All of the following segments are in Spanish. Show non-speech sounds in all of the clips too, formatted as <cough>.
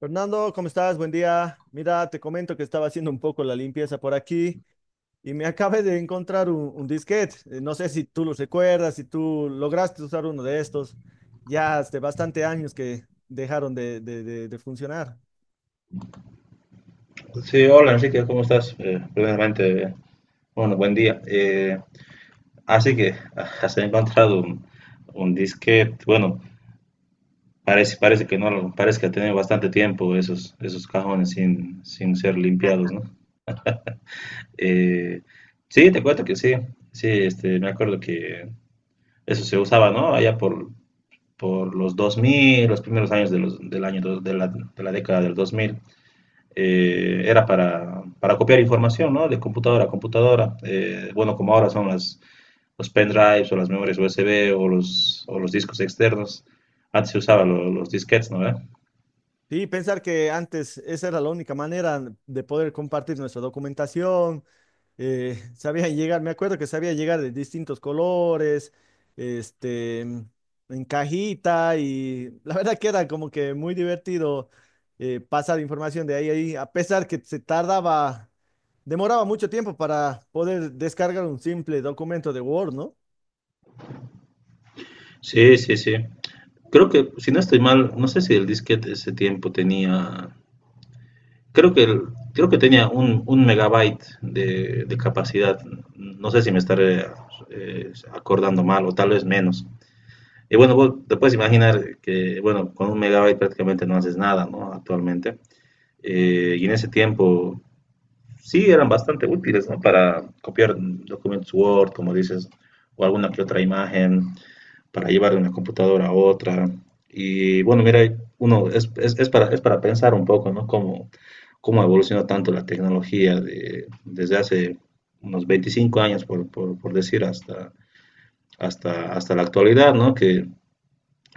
Fernando, ¿cómo estás? Buen día. Mira, te comento que estaba haciendo un poco la limpieza por aquí y me <laughs> acabé de encontrar un disquete. No sé si tú lo recuerdas, si tú lograste usar uno de estos. Ya hace bastante años que dejaron de funcionar. Sí, hola Enrique, ¿cómo estás? Primeramente, bueno, buen día. Así que <laughs> has encontrado un disquete. Bueno, parece, parece que no, parece que ha tenido bastante tiempo esos, esos cajones sin ser limpiados, ¿no? Eh, sí, te cuento que sí, sí, este, me acuerdo que eso se usaba, ¿no? Allá por los 2000, los primeros años de los, del año, de la década del 2000. Era para copiar información, ¿no? De computadora a computadora. Bueno, como ahora son los pendrives o las memorias USB o los discos externos. Antes se usaban los disquetes, ¿no? ¿Ve? Sí, pensar que antes esa era la única manera de poder compartir nuestra documentación, <laughs> sabían llegar, me acuerdo que sabía llegar de distintos colores, este, en cajita y la verdad que era como que muy divertido pasar información de ahí a ahí, a pesar que se tardaba, demoraba mucho tiempo para poder descargar un simple documento de Word, ¿no? Sí, sí, sí. Creo que, si no estoy mal, no sé si el disquete ese tiempo tenía, creo que, creo que tenía 1 megabyte de capacidad. No sé si me estaré acordando mal o tal vez menos. Y bueno, vos te puedes imaginar que, bueno, con 1 megabyte prácticamente no haces nada, ¿no? Actualmente. Y en ese tiempo sí eran bastante útiles, ¿no? Para copiar documentos Word, como dices, o alguna que otra imagen, para llevar de una computadora a otra. Y bueno, mira, uno es es para pensar un poco, ¿no? Cómo, cómo evolucionó tanto la tecnología desde hace unos 25 años, por decir, hasta, hasta la actualidad, ¿no? Que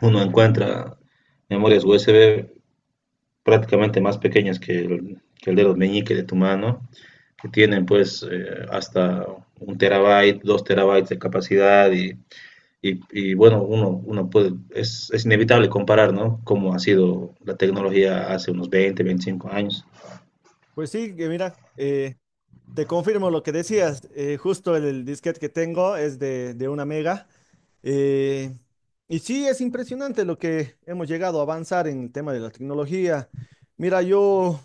uno encuentra memorias USB prácticamente más pequeñas que que el dedo meñique de tu mano, que tienen pues hasta 1 terabyte, 2 terabytes de capacidad y bueno, uno, uno puede, inevitable comparar, ¿no? Cómo ha sido la tecnología hace unos 20 25 años. Pues sí, que mira, te confirmo lo que decías, justo el disquete que tengo es de 1 mega. Eh, y sí, es impresionante lo que hemos llegado a avanzar en el tema de la tecnología. Mira, yo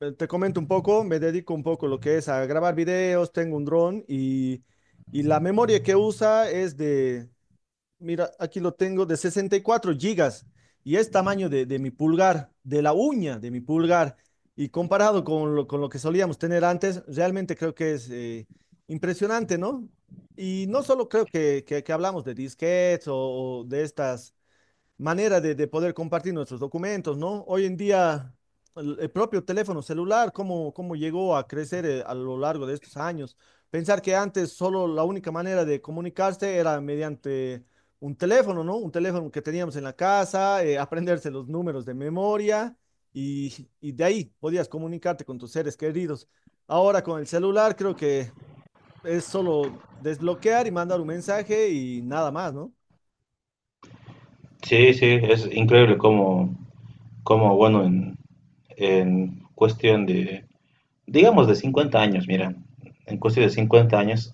te comento un poco, me dedico un poco a lo que es a grabar videos, tengo un dron y la memoria que usa es de. Mira, aquí lo tengo de 64 gigas y es tamaño de mi pulgar, de la uña de mi pulgar. Y comparado con lo que solíamos tener antes, realmente creo que es impresionante, ¿no? Y no solo creo que hablamos de disquetes o de estas manera de poder compartir nuestros documentos, ¿no? Hoy en día, el propio teléfono celular, cómo, cómo llegó a crecer a lo largo de estos años. Pensar que antes solo la única manera de comunicarse era mediante un teléfono, ¿no? Un teléfono que teníamos en la casa, aprenderse los números de memoria y de ahí podías comunicarte con tus seres queridos. Ahora con el celular creo que es solo desbloquear y mandar un mensaje y nada más, ¿no? Sí, sí, es increíble cómo, cómo bueno, en cuestión de digamos de 50 años, mira, en cuestión de 50 años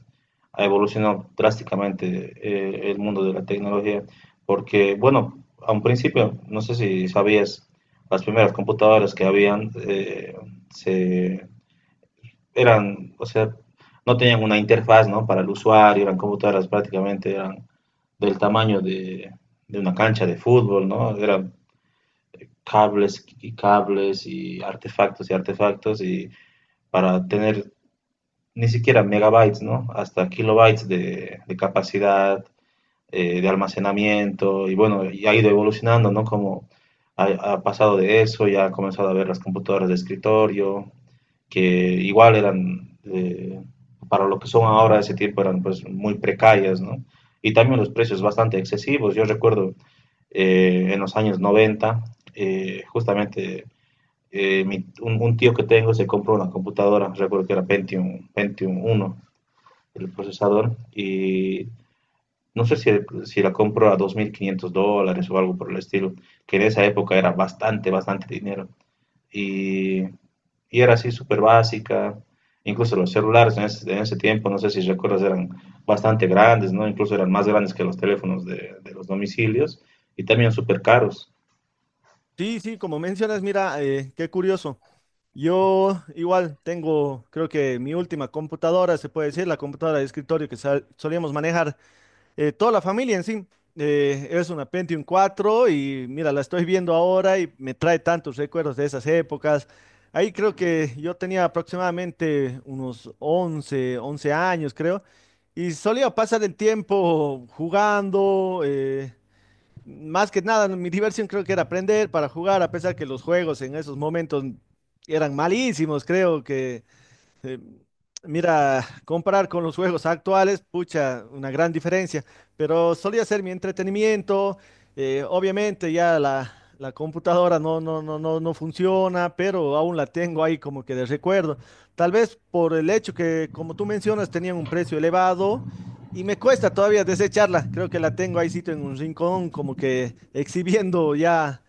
ha evolucionado drásticamente el mundo de la tecnología, porque, bueno, a un principio, no sé si sabías, las primeras computadoras que habían se, eran, o sea, no tenían una interfaz, ¿no? Para el usuario, eran computadoras prácticamente, eran del tamaño de una cancha de fútbol, ¿no? Eran cables y cables y artefactos y artefactos y para tener ni siquiera megabytes, ¿no? Hasta kilobytes de capacidad, de almacenamiento. Y bueno, y ha ido evolucionando, ¿no? Como ha, ha pasado de eso, ya ha comenzado a ver las computadoras de escritorio, que igual eran, para lo que son ahora ese tiempo, eran pues muy precarias, ¿no? Y también los precios bastante excesivos. Yo recuerdo en los años 90, justamente tío que tengo se compró una computadora, recuerdo que era Pentium, Pentium uno el procesador y no sé si la compro a $2.500 o algo por el estilo, que en esa época era bastante, bastante dinero. Y, y era así súper básica, incluso los celulares en en ese tiempo, no sé si recuerdas, eran bastante grandes, ¿no? Incluso eran más grandes que los teléfonos de los domicilios y también súper caros. Sí, sí, como mencionas, mira, qué curioso. Yo igual tengo, creo que mi última computadora, se puede decir, la computadora de escritorio que solíamos manejar toda la familia en sí. Eh, es una Pentium cuatro y mira, la estoy viendo ahora y me trae tantos recuerdos de esas épocas. Ahí creo que yo tenía aproximadamente unos once años, creo, y solía pasar el tiempo jugando. Eh, más que nada, mi diversión creo que era aprender para jugar, a pesar que los juegos en esos momentos eran malísimos, creo que. Mira, comparar con los juegos actuales, pucha, una gran diferencia, pero solía ser mi entretenimiento. Obviamente ya la computadora no funciona, pero aún la tengo ahí como que de recuerdo. Tal vez por el hecho que, como tú mencionas, tenían un precio elevado y me cuesta todavía desecharla. Creo que la tengo ahí sito en un rincón como que exhibiendo ya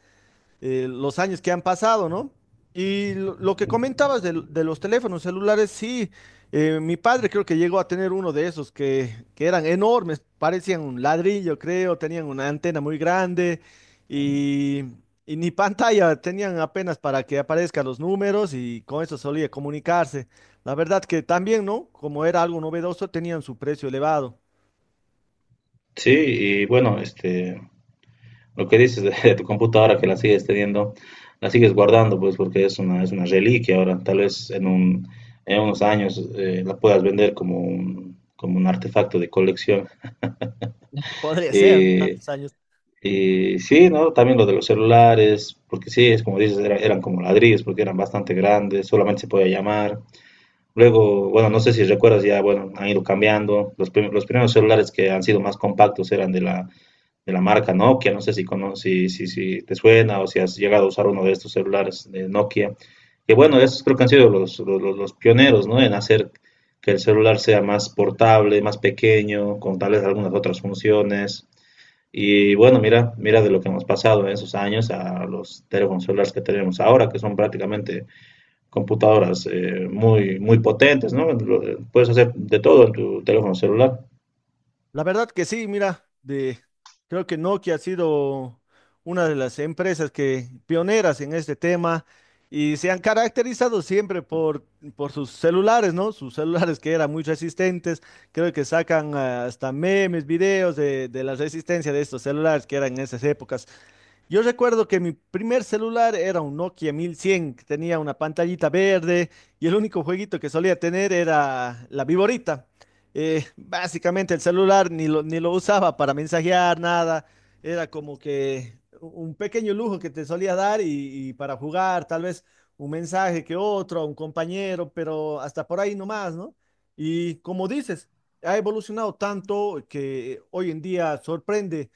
los años que han pasado, ¿no? Y lo que comentabas de los teléfonos celulares, sí, mi padre creo que llegó a tener uno de esos que eran enormes, parecían un ladrillo, creo, tenían una antena muy grande y, y ni pantalla, tenían apenas para que aparezcan los números y con eso solía comunicarse. La verdad que también, ¿no? Como era algo novedoso, tenían su precio elevado. Sí, y bueno, este, lo que dices de tu computadora que la sigues teniendo, la sigues guardando, pues porque es una reliquia ahora. Tal vez en unos años la puedas vender como un artefacto de colección. Podría ser, ¿no? Eh, Tantos años. y sí, ¿no? También lo de los celulares, porque sí, es como dices, eran como ladrillos, porque eran bastante grandes, solamente se podía llamar. Luego, bueno, no sé si recuerdas ya, bueno, han ido cambiando. Los primeros celulares que han sido más compactos eran de de la marca Nokia, no sé si, te suena o si has llegado a usar uno de estos celulares de Nokia, que bueno, esos creo que han sido los pioneros, ¿no? En hacer que el celular sea más portable, más pequeño, con tal vez algunas otras funciones. Y bueno, mira, mira de lo que hemos pasado en esos años a los teléfonos celulares que tenemos ahora, que son prácticamente computadoras muy, muy potentes, ¿no? Puedes hacer de todo en tu teléfono celular. La verdad que sí, mira, de, creo que Nokia ha sido una de las empresas que pioneras en este tema y se han caracterizado siempre por sus celulares, ¿no? Sus celulares que eran muy resistentes, creo que sacan ah, hasta memes, videos de la resistencia de estos celulares que eran en esas épocas. Yo recuerdo que mi primer celular era un Nokia 1100, que tenía una pantallita verde y el único jueguito que solía tener era la viborita. Básicamente el celular ni lo usaba para mensajear, nada. Era como que un pequeño lujo que te solía dar y para jugar, tal vez un mensaje que otro, a un compañero, pero hasta por ahí nomás, ¿no? Y como dices, ha evolucionado tanto que hoy en día sorprende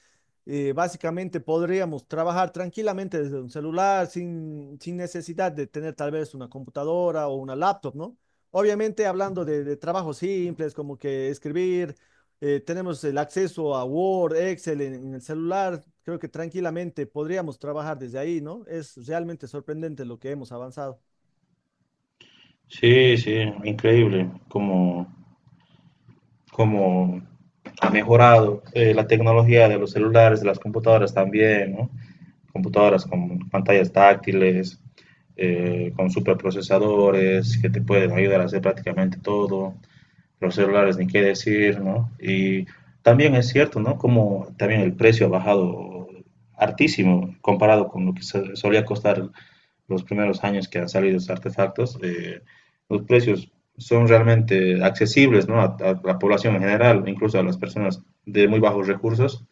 básicamente podríamos trabajar tranquilamente desde un celular sin necesidad de tener tal vez una computadora o una laptop, ¿no? Obviamente hablando de trabajos simples como que escribir, tenemos el acceso a Word, Excel en el celular, creo que tranquilamente podríamos trabajar desde ahí, ¿no? Es realmente sorprendente lo que hemos avanzado. Sí, sí, increíble. Como como ha mejorado la tecnología de los celulares, de las computadoras también, ¿no? Computadoras con pantallas táctiles, con superprocesadores que te pueden ayudar a hacer prácticamente todo, los celulares ni qué decir, ¿no? Y también es cierto, ¿no? Como también el precio ha bajado hartísimo comparado con lo que solía costar los primeros años que han salido estos artefactos. Los precios son realmente accesibles, ¿no? A la población en general, incluso a las personas de muy bajos recursos,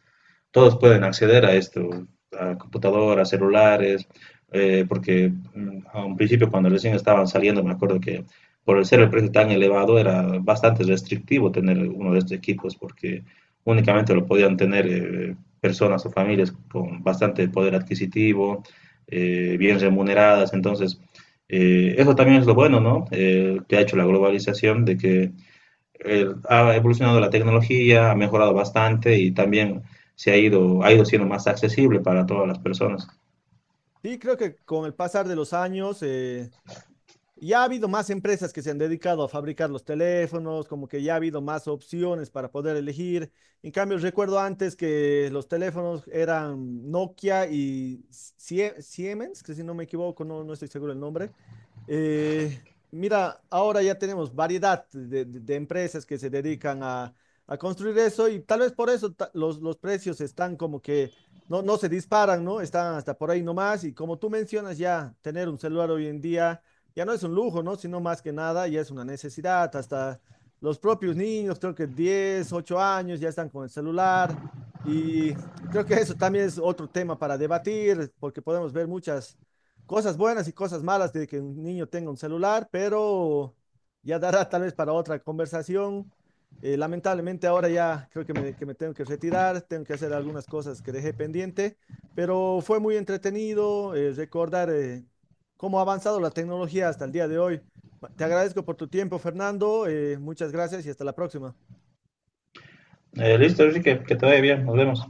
todos pueden acceder a esto, a computadoras, celulares, porque a un principio cuando recién estaban saliendo, me acuerdo que por el ser el precio tan elevado era bastante restrictivo tener uno de estos equipos porque únicamente lo podían tener personas o familias con bastante poder adquisitivo, bien remuneradas. Entonces, eso también es lo bueno, ¿no? Que ha hecho la globalización de que ha evolucionado la tecnología, ha mejorado bastante y también se ha ido siendo más accesible para todas las personas. Y creo que con el pasar de los años, ya ha habido más empresas que se han dedicado a fabricar los teléfonos, como que ya ha habido más opciones para poder elegir. En cambio, recuerdo antes que los teléfonos eran Nokia y Siemens, que si no me equivoco, no, no estoy seguro el nombre. Eh, mira, ahora ya tenemos variedad de, de empresas que se dedican a construir eso y tal vez por eso los precios están como que no, no se disparan, ¿no? Están hasta por ahí nomás y como tú mencionas ya, tener un celular hoy en día ya no es un lujo, ¿no? Sino más que nada ya es una necesidad. Hasta los propios niños, creo que 10, 8 años, ya están con el celular. Y creo que eso también es otro tema para debatir, porque podemos ver muchas cosas buenas y cosas malas de que un niño tenga un celular, pero ya dará tal vez para otra conversación. Lamentablemente ahora ya creo que me tengo que retirar, tengo que hacer algunas cosas que dejé pendiente, pero fue muy entretenido recordar cómo ha avanzado la tecnología hasta el día de hoy. Te agradezco por tu tiempo, Fernando. Eh, muchas gracias y hasta la próxima. Listo, Enrique, que te vaya bien, nos vemos.